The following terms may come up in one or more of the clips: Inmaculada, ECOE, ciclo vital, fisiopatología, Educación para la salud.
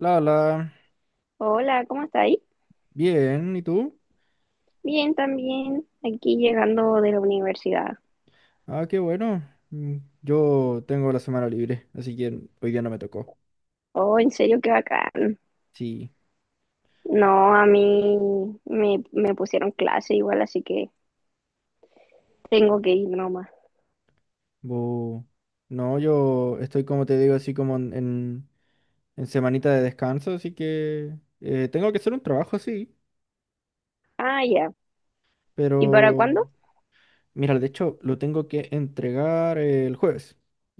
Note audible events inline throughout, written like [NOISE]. La, Hola, ¿cómo está ahí? bien, ¿y tú? Bien, también. Aquí llegando de la universidad. Ah, qué bueno. Yo tengo la semana libre, así que hoy día no me tocó. Oh, en serio, qué bacán. Sí, No, a mí me pusieron clase igual, así que tengo que ir nomás. bo- no, yo estoy como te digo, así como en semanita de descanso, así que tengo que hacer un trabajo, sí, Ah, ya. ¿Y para pero cuándo? mira, de hecho lo tengo que entregar el jueves,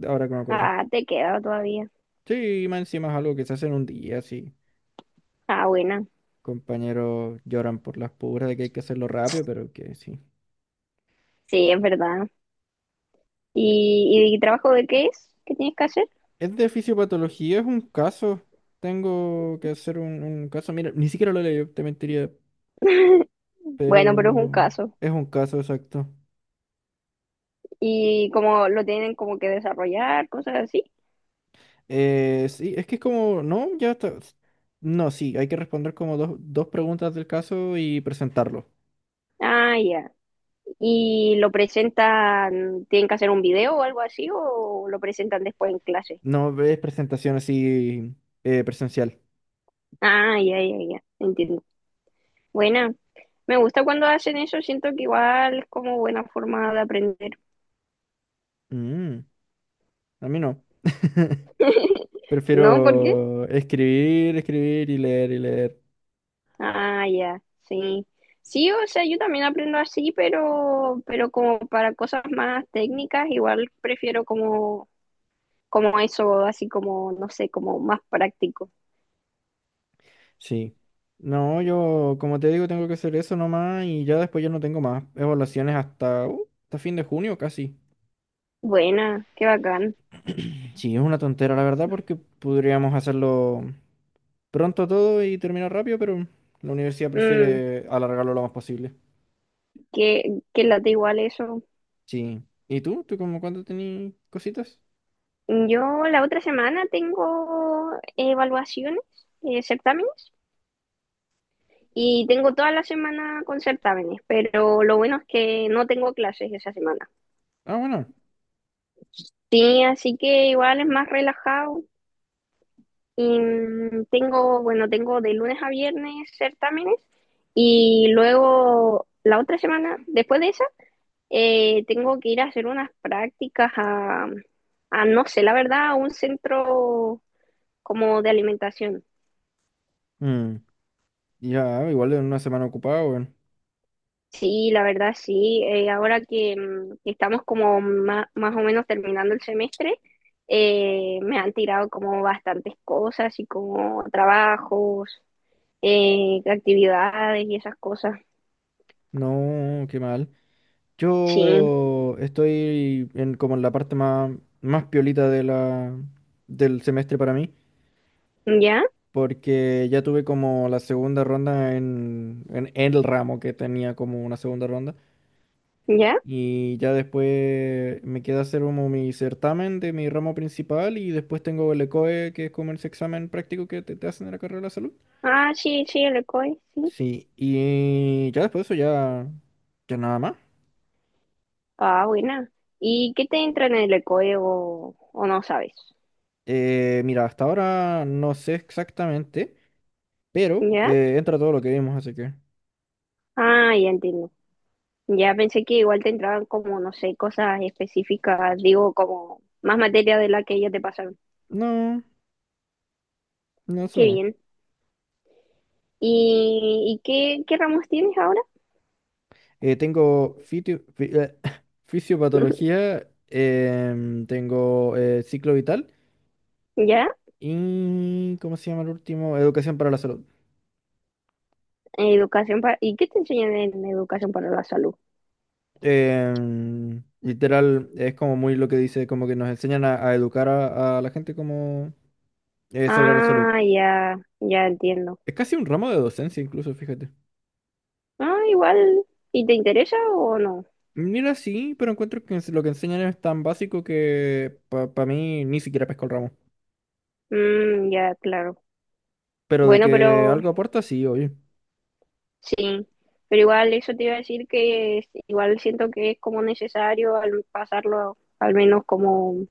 ahora que me acuerdo. Ah, te queda todavía. Sí, más encima es algo que se hace en un día, sí. Ah, buena. Compañeros lloran por las puras de que hay que hacerlo rápido, pero que sí. Sí, es verdad. ¿Y trabajo de qué es? ¿Qué tienes que hacer? Es de fisiopatología, es un caso. Tengo que hacer un caso. Mira, ni siquiera lo leí, te mentiría, Bueno, pero es un pero caso. es un caso exacto. ¿Y como lo tienen como que desarrollar, cosas así? Sí, es que es como, no, ya está. No, sí, hay que responder como dos preguntas del caso y presentarlo. Ah, ya. ¿Y lo presentan, tienen que hacer un video o algo así, o lo presentan después en clase? No ves presentación así presencial. Ah, ya, ya, ya, entiendo. Buena, me gusta cuando hacen eso, siento que igual es como buena forma de aprender. Mm, a mí no. [LAUGHS] [LAUGHS] ¿No? ¿Por qué? Prefiero escribir, escribir y leer y leer. Ah, ya, sí. Sí, o sea, yo también aprendo así, pero como para cosas más técnicas, igual prefiero como, como eso, así como, no sé, como más práctico. Sí. No, yo, como te digo, tengo que hacer eso nomás y ya después ya no tengo más evaluaciones hasta hasta fin de junio casi. Buena, qué bacán. [CLEARS THROAT] Sí, es una tontera, la verdad, porque podríamos hacerlo pronto todo y terminar rápido, pero la universidad Mm, prefiere alargarlo lo más posible. que late igual eso. Sí. ¿Y tú? ¿Tú como cuándo tenías cositas? Yo la otra semana tengo evaluaciones, certámenes, y tengo toda la semana con certámenes, pero lo bueno es que no tengo clases esa semana. Ah, bueno. Sí, así que igual es más relajado. Y tengo, bueno, tengo de lunes a viernes certámenes y luego la otra semana, después de esa, tengo que ir a hacer unas prácticas a, no sé, la verdad, a un centro como de alimentación. Mm, ya, igual en una semana ocupada, weón. Sí, la verdad sí. Ahora que, que estamos como más o menos terminando el semestre, me han tirado como bastantes cosas y como trabajos, actividades y esas cosas. No, qué mal. Sí. Yo estoy como en la parte más piolita de del semestre para mí, ¿Ya? porque ya tuve como la segunda ronda el ramo que tenía como una segunda ronda, ¿Ya? y ya después me queda hacer como mi certamen de mi ramo principal, y después tengo el ECOE, que es como ese examen práctico que te hacen en la carrera de la salud. Ah, sí, sí, el ECOE, sí. Sí, y ya después de eso ya nada más. Ah, buena. ¿Y qué te entra en el ECOE o, E o no sabes? Mira, hasta ahora no sé exactamente. Pero ¿Ya? Entra todo lo que vimos, así que. Ah, ya entiendo. Ya pensé que igual te entraban como, no sé, cosas específicas, digo, como más materia de la que ya te pasaron. No, no, eso Qué no. bien. ¿Y qué, qué ramos tienes ahora? Tengo [LAUGHS] [LAUGHS] fisiopatología, tengo ciclo vital ¿Ya? y. ¿Cómo se llama el último? Educación para la salud. Educación para... ¿Y qué te enseñan en educación para la salud? Literal, es como muy lo que dice, como que nos enseñan a educar a la gente como sobre la salud. Ah, ya, ya entiendo. Es casi un ramo de docencia incluso, fíjate. Ah, igual. ¿Y te interesa o no? Mira, sí, pero encuentro que lo que enseñan es tan básico que para mí ni siquiera pesco el ramo. Mm, ya, claro. Pero de Bueno, que pero algo aporta, sí, oye. sí. Pero igual eso te iba a decir que es- igual siento que es como necesario al pasarlo al menos como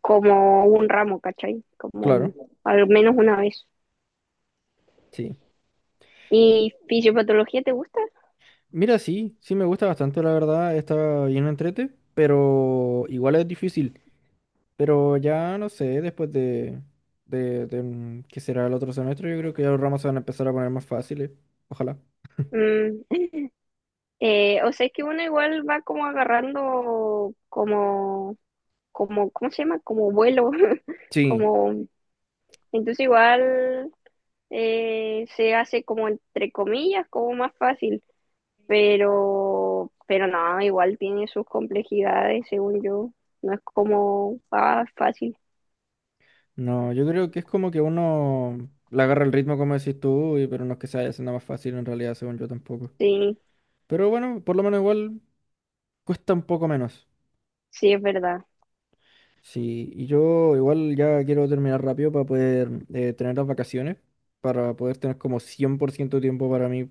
como un ramo, ¿cachai? Como un- Claro, al menos una vez. sí. ¿Y fisiopatología te gusta? Mira, sí, sí me gusta bastante, la verdad. Está bien entrete, pero igual es difícil. Pero ya no sé, después de que será el otro semestre, yo creo que ya los ramos se van a empezar a poner más fáciles. Ojalá. Mm, o sea, es que uno igual va como agarrando como, como, ¿cómo se llama? Como vuelo, [LAUGHS] Sí, como, entonces igual se hace como entre comillas, como más fácil, pero no, igual tiene sus complejidades, según yo, no es como ah, fácil, no, yo creo que es como que uno le agarra el ritmo, como decís tú, y, pero no es que se vaya haciendo más fácil en realidad, según yo tampoco. sí, Pero bueno, por lo menos igual cuesta un poco menos. sí es verdad. Sí, y yo igual ya quiero terminar rápido para poder tener las vacaciones, para poder tener como 100% tiempo para mí. O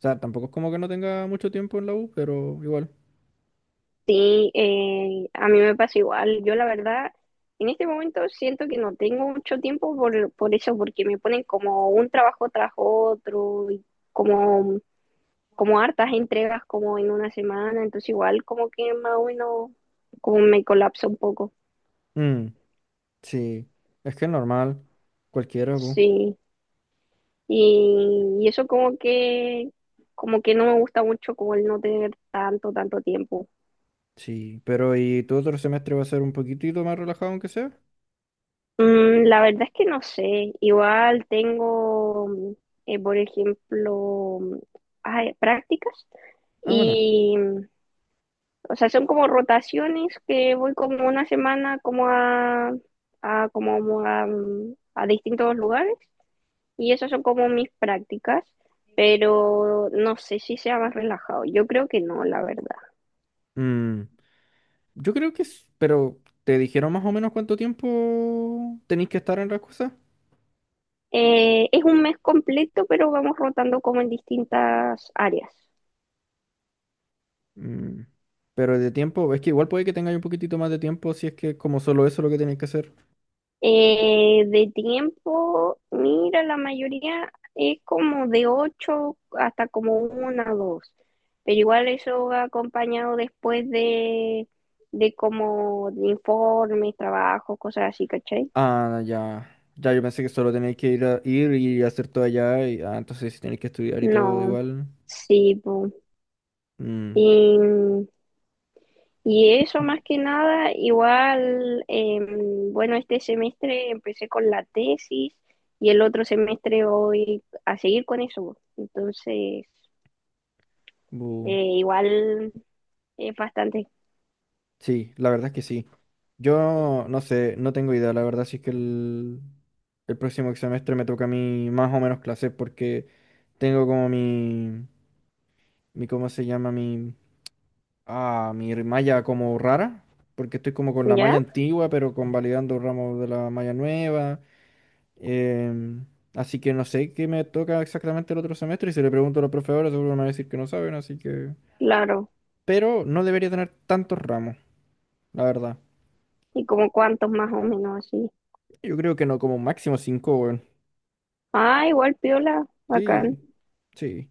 sea, tampoco es como que no tenga mucho tiempo en la U, pero igual. Sí, a mí me pasa igual. Yo la verdad, en este momento siento que no tengo mucho tiempo por eso, porque me ponen como un trabajo tras otro, y como, como hartas entregas como en una semana, entonces igual como que más o menos como me colapso un poco. Mm, sí, es que es normal, cualquiera, pues. Sí, y eso como que no me gusta mucho como el no tener tanto tiempo. Sí, pero ¿y tu otro semestre va a ser un poquitito más relajado aunque sea? La verdad es que no sé. Igual tengo, por ejemplo, ay, prácticas Ah, bueno. y, o sea, son como rotaciones que voy como una semana como a como a, a distintos lugares y esas son como mis prácticas, pero no sé si sea más relajado. Yo creo que no, la verdad. Mm, yo creo que es, pero ¿te dijeron más o menos cuánto tiempo tenéis que estar en las cosas? Es un mes completo, pero vamos rotando como en distintas áreas. Mm, Pero de tiempo, es que igual puede que tengáis un poquitito más de tiempo si es que es como solo eso lo que tenéis que hacer. De tiempo, mira, la mayoría es como de 8 hasta como una o dos, pero igual eso va acompañado después de como de informes, trabajos, cosas así, ¿cachai? Ah, ya. Ya, yo pensé que solo tenéis que ir, ir y hacer todo allá. Y, ah, entonces si tenéis que estudiar y todo No, igual. sí, po. Mm, Y, y eso más que nada, igual, bueno, este semestre empecé con la tesis y el otro semestre voy a seguir con eso, po. Entonces... bu. Igual es bastante, Sí, la verdad es que sí. Yo no sé, no tengo idea. La verdad si es que el próximo semestre me toca a mí más o menos clases porque tengo como mi, ¿cómo se llama? A mi malla como rara, porque estoy como con la ¿ya? malla antigua, pero convalidando ramos de la malla nueva. em, así que no sé qué me toca exactamente el otro semestre y si le pregunto a los profesores seguro me van a decir que no saben, así que... Claro. Pero no debería tener tantos ramos, la verdad. ¿Y como cuántos más o menos así? Yo creo que no, como máximo cinco, weón. Ah, igual piola, Sí, bacán. sí.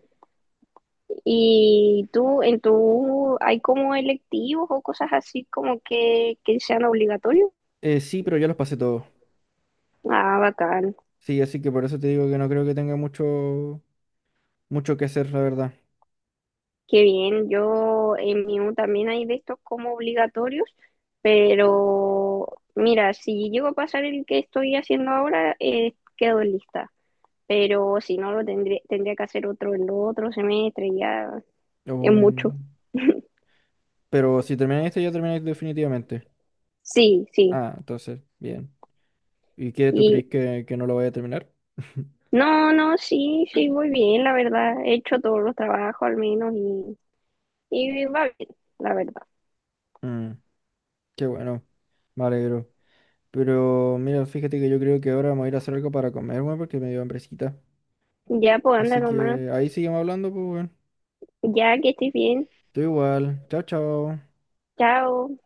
¿Y tú, en tu, hay como electivos o cosas así como que sean obligatorios? Sí, pero ya los pasé todos. Ah, bacán. Sí, así que por eso te digo que no creo que tenga mucho que hacer, la verdad. Qué bien. Yo en mi U también hay de estos como obligatorios, pero mira, si llego a pasar el que estoy haciendo ahora, quedo lista. Pero si no lo tendría, tendría que hacer otro en otro semestre, ya es mucho. Um, pero si termináis este, ya termináis definitivamente. Sí, sí. Ah, entonces, bien. ¿Y qué tú Y crees que no lo voy a terminar? [LAUGHS] no, no, sí, sí, voy bien, la verdad. He hecho todos los trabajos al menos y va bien, la verdad. Mm, qué bueno, me alegro. Pero mira, fíjate que yo creo que ahora me voy a ir a hacer algo para comer, weón, porque me dio hambrecita. Ya pues anda Así nomás. que ahí seguimos hablando, pues, weón. Ya que estés bien. Tú igual. Chao, chao. Chao.